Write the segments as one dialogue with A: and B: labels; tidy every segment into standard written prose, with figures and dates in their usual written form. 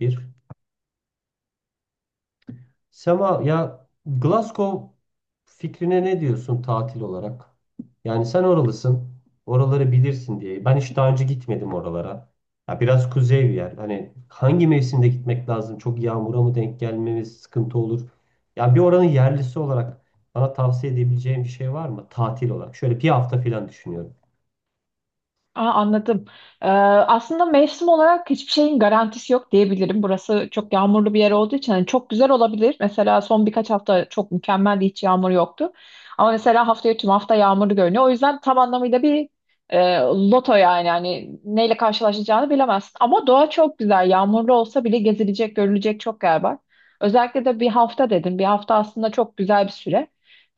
A: Bir. Sema ya Glasgow fikrine ne diyorsun tatil olarak? Yani sen oralısın. Oraları bilirsin diye. Ben hiç daha önce gitmedim oralara. Ya biraz kuzey bir yer. Hani hangi mevsimde gitmek lazım? Çok yağmura mı denk gelmemiz sıkıntı olur? Yani bir oranın yerlisi olarak bana tavsiye edebileceğim bir şey var mı? Tatil olarak. Şöyle bir hafta falan düşünüyorum.
B: Anladım. Aslında mevsim olarak hiçbir şeyin garantisi yok diyebilirim. Burası çok yağmurlu bir yer olduğu için hani çok güzel olabilir. Mesela son birkaç hafta çok mükemmeldi, hiç yağmur yoktu. Ama mesela haftaya tüm hafta yağmurlu görünüyor. O yüzden tam anlamıyla bir loto yani. Hani neyle karşılaşacağını bilemezsin. Ama doğa çok güzel. Yağmurlu olsa bile gezilecek, görülecek çok yer var. Özellikle de bir hafta dedim. Bir hafta aslında çok güzel bir süre.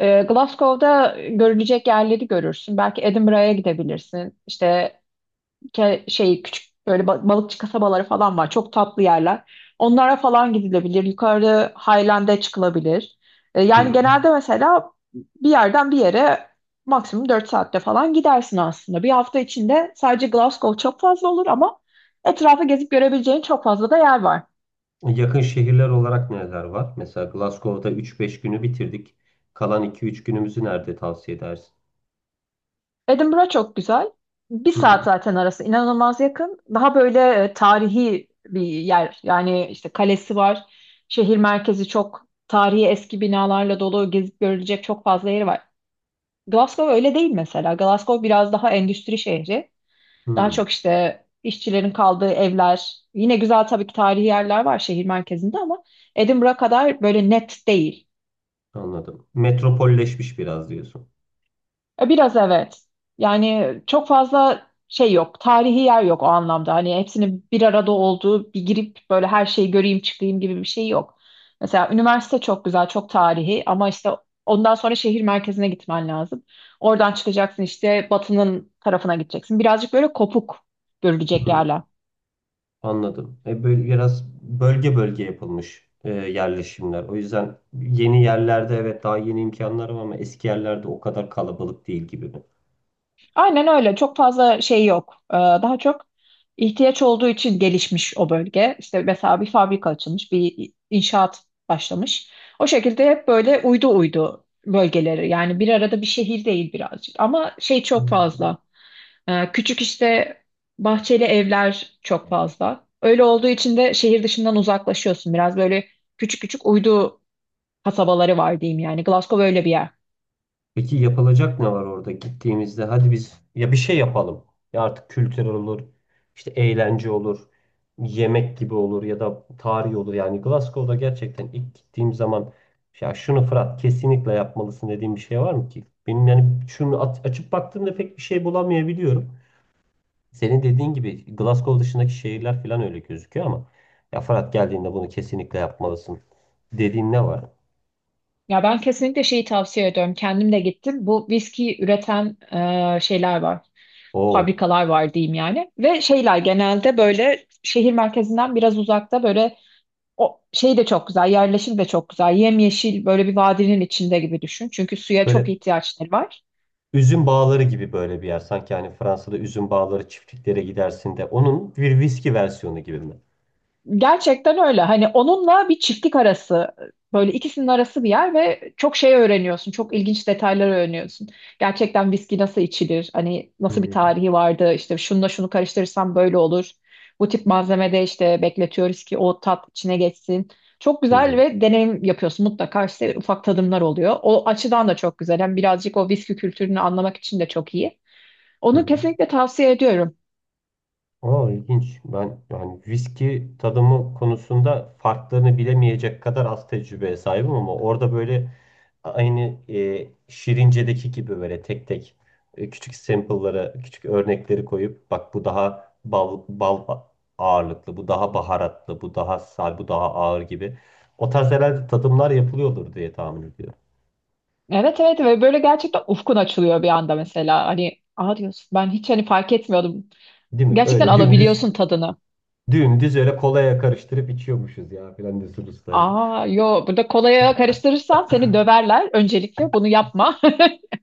B: Glasgow'da görülecek yerleri görürsün. Belki Edinburgh'a gidebilirsin. İşte küçük böyle balıkçı kasabaları falan var. Çok tatlı yerler. Onlara falan gidilebilir. Yukarı Highland'e çıkılabilir.
A: Hı
B: Yani
A: hı.
B: genelde mesela bir yerden bir yere maksimum 4 saatte falan gidersin aslında. Bir hafta içinde sadece Glasgow çok fazla olur ama etrafı gezip görebileceğin çok fazla da yer var.
A: Yakın şehirler olarak neler var? Mesela Glasgow'da üç beş günü bitirdik. Kalan iki üç günümüzü nerede tavsiye edersin?
B: Edinburgh çok güzel. Bir
A: Hı
B: saat
A: hı.
B: zaten arası inanılmaz yakın. Daha böyle tarihi bir yer. Yani işte kalesi var. Şehir merkezi çok tarihi eski binalarla dolu. Gezip görülecek çok fazla yeri var. Glasgow öyle değil mesela. Glasgow biraz daha endüstri şehri. Daha
A: Hı,
B: çok işte işçilerin kaldığı evler. Yine güzel tabii ki tarihi yerler var şehir merkezinde ama Edinburgh kadar böyle net değil.
A: anladım. Metropolleşmiş biraz diyorsun.
B: Biraz evet. Yani çok fazla şey yok. Tarihi yer yok o anlamda. Hani hepsinin bir arada olduğu, bir girip böyle her şeyi göreyim çıkayım gibi bir şey yok. Mesela üniversite çok güzel, çok tarihi ama işte ondan sonra şehir merkezine gitmen lazım. Oradan çıkacaksın işte batının tarafına gideceksin. Birazcık böyle kopuk görülecek
A: Hı,
B: yerler.
A: anladım. Böyle biraz bölge bölge yapılmış yerleşimler. O yüzden yeni yerlerde evet daha yeni imkanlar var ama eski yerlerde o kadar kalabalık değil gibi mi?
B: Aynen öyle. Çok fazla şey yok. Daha çok ihtiyaç olduğu için gelişmiş o bölge. İşte mesela bir fabrika açılmış, bir inşaat başlamış. O şekilde hep böyle uydu uydu bölgeleri. Yani bir arada bir şehir değil birazcık. Ama şey çok
A: Hı.
B: fazla. Küçük işte bahçeli evler çok fazla. Öyle olduğu için de şehir dışından uzaklaşıyorsun. Biraz böyle küçük küçük uydu kasabaları var diyeyim yani. Glasgow öyle bir yer.
A: Peki yapılacak ne var orada gittiğimizde? Hadi biz ya bir şey yapalım. Ya artık kültür olur, işte eğlence olur, yemek gibi olur ya da tarih olur. Yani Glasgow'da gerçekten ilk gittiğim zaman ya şunu Fırat kesinlikle yapmalısın dediğim bir şey var mı ki? Benim yani şunu açıp baktığımda pek bir şey bulamayabiliyorum. Senin dediğin gibi Glasgow dışındaki şehirler falan öyle gözüküyor ama ya Fırat geldiğinde bunu kesinlikle yapmalısın dediğin ne var?
B: Ya ben kesinlikle şeyi tavsiye ediyorum. Kendim de gittim. Bu viski üreten şeyler var.
A: Oo.
B: Fabrikalar var diyeyim yani. Ve şeyler genelde böyle şehir merkezinden biraz uzakta böyle. O şey de çok güzel, yerleşim de çok güzel. Yemyeşil böyle bir vadinin içinde gibi düşün. Çünkü suya çok
A: Böyle
B: ihtiyaçları var.
A: üzüm bağları gibi böyle bir yer. Sanki hani Fransa'da üzüm bağları çiftliklere gidersin de onun bir viski versiyonu gibi mi?
B: Gerçekten öyle. Hani onunla bir çiftlik arası, böyle ikisinin arası bir yer ve çok şey öğreniyorsun. Çok ilginç detaylar öğreniyorsun. Gerçekten viski nasıl içilir? Hani nasıl bir
A: Hmm.
B: tarihi vardı? İşte şununla şunu karıştırırsam böyle olur. Bu tip malzemede işte bekletiyoruz ki o tat içine geçsin. Çok
A: Hı
B: güzel
A: hı.
B: ve deneyim yapıyorsun. Mutlaka işte ufak tadımlar oluyor. O açıdan da çok güzel. Hem birazcık o viski kültürünü anlamak için de çok iyi.
A: Hı
B: Onu
A: hı.
B: kesinlikle tavsiye ediyorum.
A: Aa, ilginç. Ben yani viski tadımı konusunda farklarını bilemeyecek kadar az tecrübeye sahibim ama orada böyle aynı Şirince'deki gibi böyle tek tek küçük sample'lara, küçük örnekleri koyup bak bu daha bal ağırlıklı, bu daha baharatlı, bu daha sal, bu daha ağır gibi. O tarz herhalde tadımlar yapılıyordur diye tahmin ediyorum.
B: Evet evet, ve böyle gerçekten ufkun açılıyor bir anda mesela. Hani aa diyorsun ben hiç hani fark etmiyordum.
A: Değil mi?
B: Gerçekten
A: Öyle dümdüz,
B: alabiliyorsun tadını.
A: dümdüz öyle kolaya karıştırıp içiyormuşuz ya filan diyorsunuz.
B: Aa yo, burada kolaya karıştırırsan seni döverler. Öncelikle bunu yapma.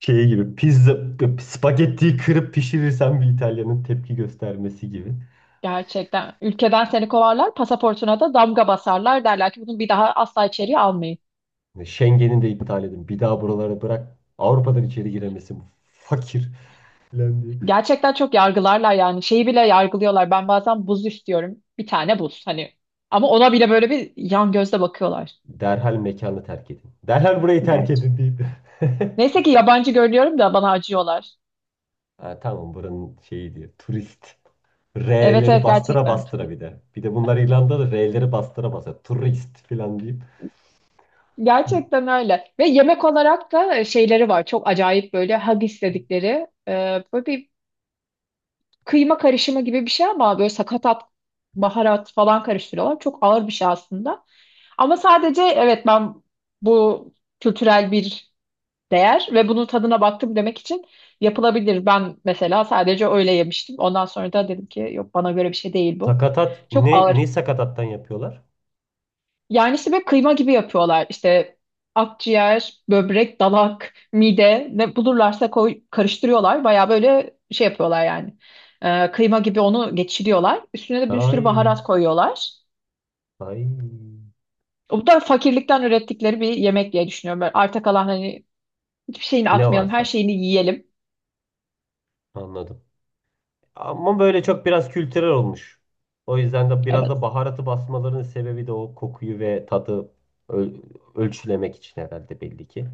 A: Şey gibi pizza spagettiyi kırıp pişirirsen bir İtalyanın tepki göstermesi gibi.
B: Gerçekten ülkeden seni kovarlar, pasaportuna da damga basarlar derler ki bunu bir daha asla içeriye almayın.
A: Schengen'i de iptal edin. Bir daha buralara bırak. Avrupa'dan içeri giremesin. Bu fakir falan diye.
B: Gerçekten çok yargılarlar yani şeyi bile yargılıyorlar. Ben bazen buz istiyorum. Bir tane buz hani. Ama ona bile böyle bir yan gözle bakıyorlar.
A: Derhal mekanı terk edin. Derhal burayı terk
B: Gerçi.
A: edin deyip.
B: Neyse ki yabancı görünüyorum da bana acıyorlar.
A: Ha, tamam buranın şeyi diyor turist.
B: Evet
A: R'leri
B: evet,
A: bastıra
B: gerçekten Turi.
A: bastıra bir de. Bir de bunlar İrlanda'da R'leri bastıra bastıra. Turist falan deyip.
B: Gerçekten öyle. Ve yemek olarak da şeyleri var. Çok acayip böyle hag istedikleri. Böyle bir kıyma karışımı gibi bir şey ama böyle sakatat, baharat falan karıştırıyorlar. Çok ağır bir şey aslında. Ama sadece evet ben bu kültürel bir değer ve bunun tadına baktım demek için yapılabilir. Ben mesela sadece öyle yemiştim. Ondan sonra da dedim ki yok bana göre bir şey değil bu.
A: Sakatat.
B: Çok
A: Ne,
B: ağır.
A: ne sakatattan yapıyorlar?
B: Yani işte böyle kıyma gibi yapıyorlar. İşte akciğer, böbrek, dalak, mide ne bulurlarsa koy, karıştırıyorlar. Baya böyle şey yapıyorlar yani. Kıyma gibi onu geçiriyorlar. Üstüne de bir sürü
A: Ay.
B: baharat koyuyorlar.
A: Ay.
B: O da fakirlikten ürettikleri bir yemek diye düşünüyorum. Böyle arta kalan hani hiçbir şeyini
A: Ne
B: atmayalım, her
A: varsa.
B: şeyini yiyelim.
A: Anladım. Ama böyle çok biraz kültürel olmuş. O yüzden de biraz
B: Evet,
A: da baharatı basmalarının sebebi de o kokuyu ve tadı öl- ölçülemek için herhalde belli ki.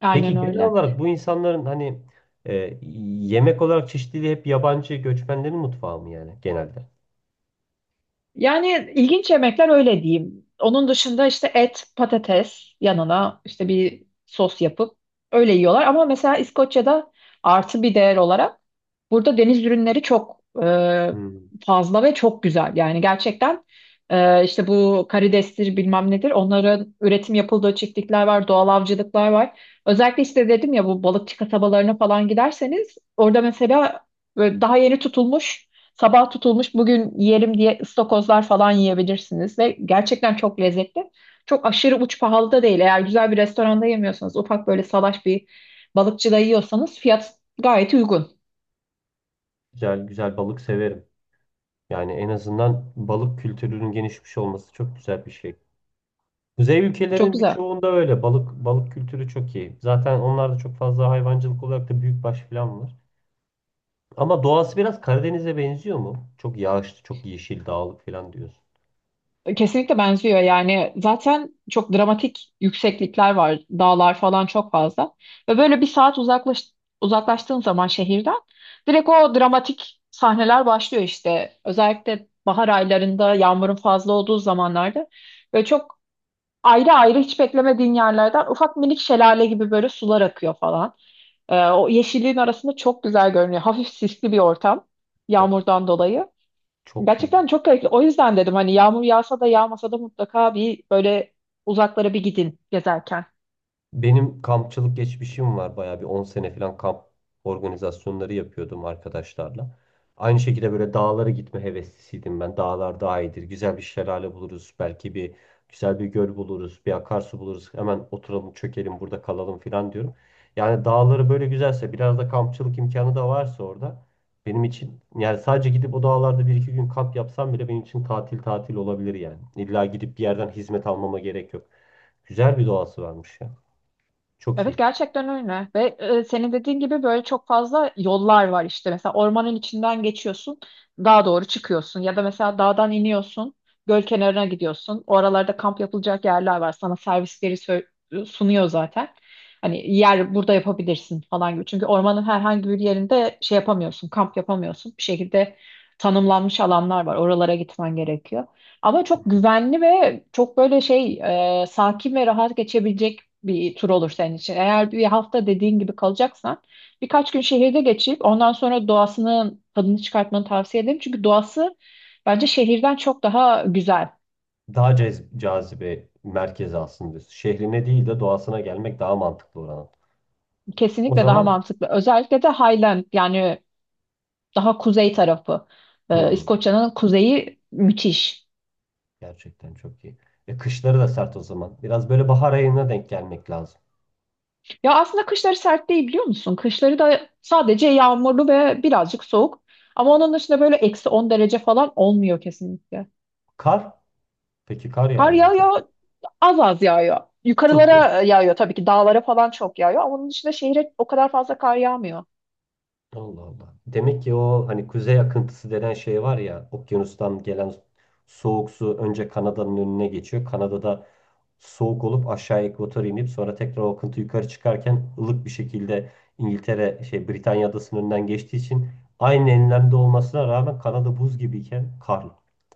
B: aynen
A: Peki genel
B: öyle.
A: olarak bu insanların hani e, yemek olarak çeşitliliği hep yabancı göçmenlerin mutfağı mı yani genelde?
B: Yani ilginç yemekler öyle diyeyim. Onun dışında işte et, patates yanına işte bir sos yapıp öyle yiyorlar. Ama mesela İskoçya'da artı bir değer olarak burada deniz ürünleri çok
A: Hmm.
B: fazla ve çok güzel. Yani gerçekten işte bu karidestir bilmem nedir onların üretim yapıldığı çiftlikler var, doğal avcılıklar var. Özellikle işte dedim ya bu balıkçı kasabalarına falan giderseniz orada mesela böyle daha yeni tutulmuş, sabah tutulmuş bugün yerim diye ıstakozlar falan yiyebilirsiniz ve gerçekten çok lezzetli. Çok aşırı uç pahalı da değil. Eğer güzel bir restoranda yemiyorsanız, ufak böyle salaş bir balıkçıda yiyorsanız fiyat gayet uygun.
A: Güzel güzel balık severim. Yani en azından balık kültürünün gelişmiş olması çok güzel bir şey. Kuzey
B: Çok
A: ülkelerinin
B: güzel.
A: birçoğunda öyle. Balık kültürü çok iyi. Zaten onlarda çok fazla hayvancılık olarak da büyükbaş falan var. Ama doğası biraz Karadeniz'e benziyor mu? Çok yağışlı, çok yeşil, dağlık falan diyorsun.
B: Kesinlikle benziyor yani zaten çok dramatik yükseklikler var, dağlar falan çok fazla ve böyle bir saat uzaklaştığın zaman şehirden direkt o dramatik sahneler başlıyor işte özellikle bahar aylarında yağmurun fazla olduğu zamanlarda böyle çok ayrı ayrı hiç beklemediğin yerlerden ufak minik şelale gibi böyle sular akıyor falan. O yeşilliğin arasında çok güzel görünüyor, hafif sisli bir ortam
A: Of,
B: yağmurdan dolayı.
A: çok iyi.
B: Gerçekten çok gerekli. O yüzden dedim hani yağmur yağsa da yağmasa da mutlaka bir böyle uzaklara bir gidin gezerken.
A: Benim kampçılık geçmişim var. Bayağı bir 10 sene falan kamp organizasyonları yapıyordum arkadaşlarla. Aynı şekilde böyle dağlara gitme heveslisiydim ben. Dağlar daha iyidir. Güzel bir şelale buluruz. Belki bir güzel bir göl buluruz. Bir akarsu buluruz. Hemen oturalım, çökelim, burada kalalım falan diyorum. Yani dağları böyle güzelse, biraz da kampçılık imkanı da varsa orada benim için yani sadece gidip o dağlarda bir iki gün kamp yapsam bile benim için tatil tatil olabilir yani. İlla gidip bir yerden hizmet almama gerek yok. Güzel bir doğası varmış ya. Çok
B: Evet
A: iyi.
B: gerçekten öyle ve senin dediğin gibi böyle çok fazla yollar var, işte mesela ormanın içinden geçiyorsun, dağa doğru çıkıyorsun ya da mesela dağdan iniyorsun, göl kenarına gidiyorsun, oralarda kamp yapılacak yerler var, sana servisleri sunuyor zaten. Hani yer burada yapabilirsin falan gibi, çünkü ormanın herhangi bir yerinde şey yapamıyorsun, kamp yapamıyorsun, bir şekilde tanımlanmış alanlar var, oralara gitmen gerekiyor. Ama çok
A: Hı.
B: güvenli ve çok böyle şey sakin ve rahat geçebilecek bir tur olur senin için. Eğer bir hafta dediğin gibi kalacaksan birkaç gün şehirde geçip ondan sonra doğasının tadını çıkartmanı tavsiye ederim. Çünkü doğası bence şehirden çok daha güzel.
A: Daha cazibe merkezi aslında diyorsun. Şehrine değil de doğasına gelmek daha mantıklı oranın. O
B: Kesinlikle daha
A: zaman
B: mantıklı. Özellikle de Highland yani daha kuzey tarafı.
A: hmm,
B: İskoçya'nın kuzeyi müthiş.
A: gerçekten çok iyi. Kışları da sert o zaman. Biraz böyle bahar ayına denk gelmek lazım.
B: Ya aslında kışları sert değil biliyor musun? Kışları da sadece yağmurlu ve birazcık soğuk. Ama onun dışında böyle eksi 10 derece falan olmuyor kesinlikle.
A: Kar? Peki kar
B: Kar
A: yağıyor mu çok?
B: yağıyor, az az yağıyor.
A: Tutmuyor.
B: Yukarılara yağıyor tabii ki, dağlara falan çok yağıyor. Ama onun dışında şehre o kadar fazla kar yağmıyor.
A: Allah Allah. Demek ki o hani kuzey akıntısı denen şey var ya okyanustan gelen soğuk su önce Kanada'nın önüne geçiyor. Kanada'da soğuk olup aşağı ekvatora inip sonra tekrar o akıntı yukarı çıkarken ılık bir şekilde İngiltere şey Britanya adasının önünden geçtiği için aynı enlemde olmasına rağmen Kanada buz gibiyken karlı.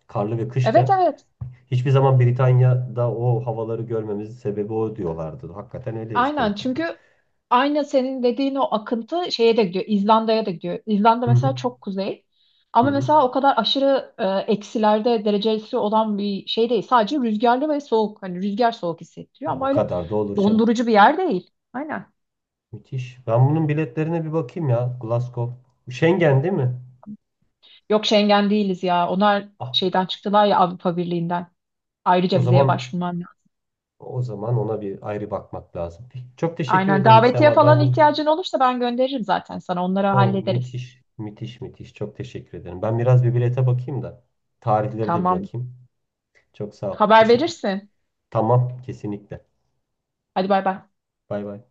A: Karlı ve
B: Evet
A: kışken
B: evet.
A: hiçbir zaman Britanya'da o havaları görmemizin sebebi o diyorlardı. Hakikaten öyleymiş
B: Aynen,
A: demek ki.
B: çünkü aynı senin dediğin o akıntı şeye de gidiyor. İzlanda'ya da gidiyor. İzlanda
A: Hı hı.
B: mesela çok kuzey.
A: Hı
B: Ama
A: hı.
B: mesela o kadar aşırı eksilerde derecesi olan bir şey değil. Sadece rüzgarlı ve soğuk. Hani rüzgar soğuk hissettiriyor
A: Ya
B: ama
A: o
B: öyle
A: kadar da olur canım.
B: dondurucu bir yer değil. Aynen.
A: Müthiş. Ben bunun biletlerine bir bakayım ya. Glasgow. Schengen değil mi?
B: Yok, Schengen değiliz ya. Onlar
A: Ah,
B: şeyden çıktılar ya, Avrupa Birliği'nden.
A: o
B: Ayrıca vizeye
A: zaman
B: başvurman lazım.
A: o zaman ona bir ayrı bakmak lazım. Çok teşekkür
B: Aynen.
A: ederim
B: Davetiye
A: Sema.
B: falan
A: Ben bunu
B: ihtiyacın olursa ben gönderirim zaten sana. Onları
A: O
B: hallederiz.
A: müthiş, müthiş, müthiş. Çok teşekkür ederim. Ben biraz bir bilete bakayım da tarihlere de bir
B: Tamam.
A: bakayım. Çok sağ ol.
B: Haber
A: Teşekkür ederim.
B: verirsin.
A: Tamam, kesinlikle.
B: Hadi bay bay.
A: Bay bay.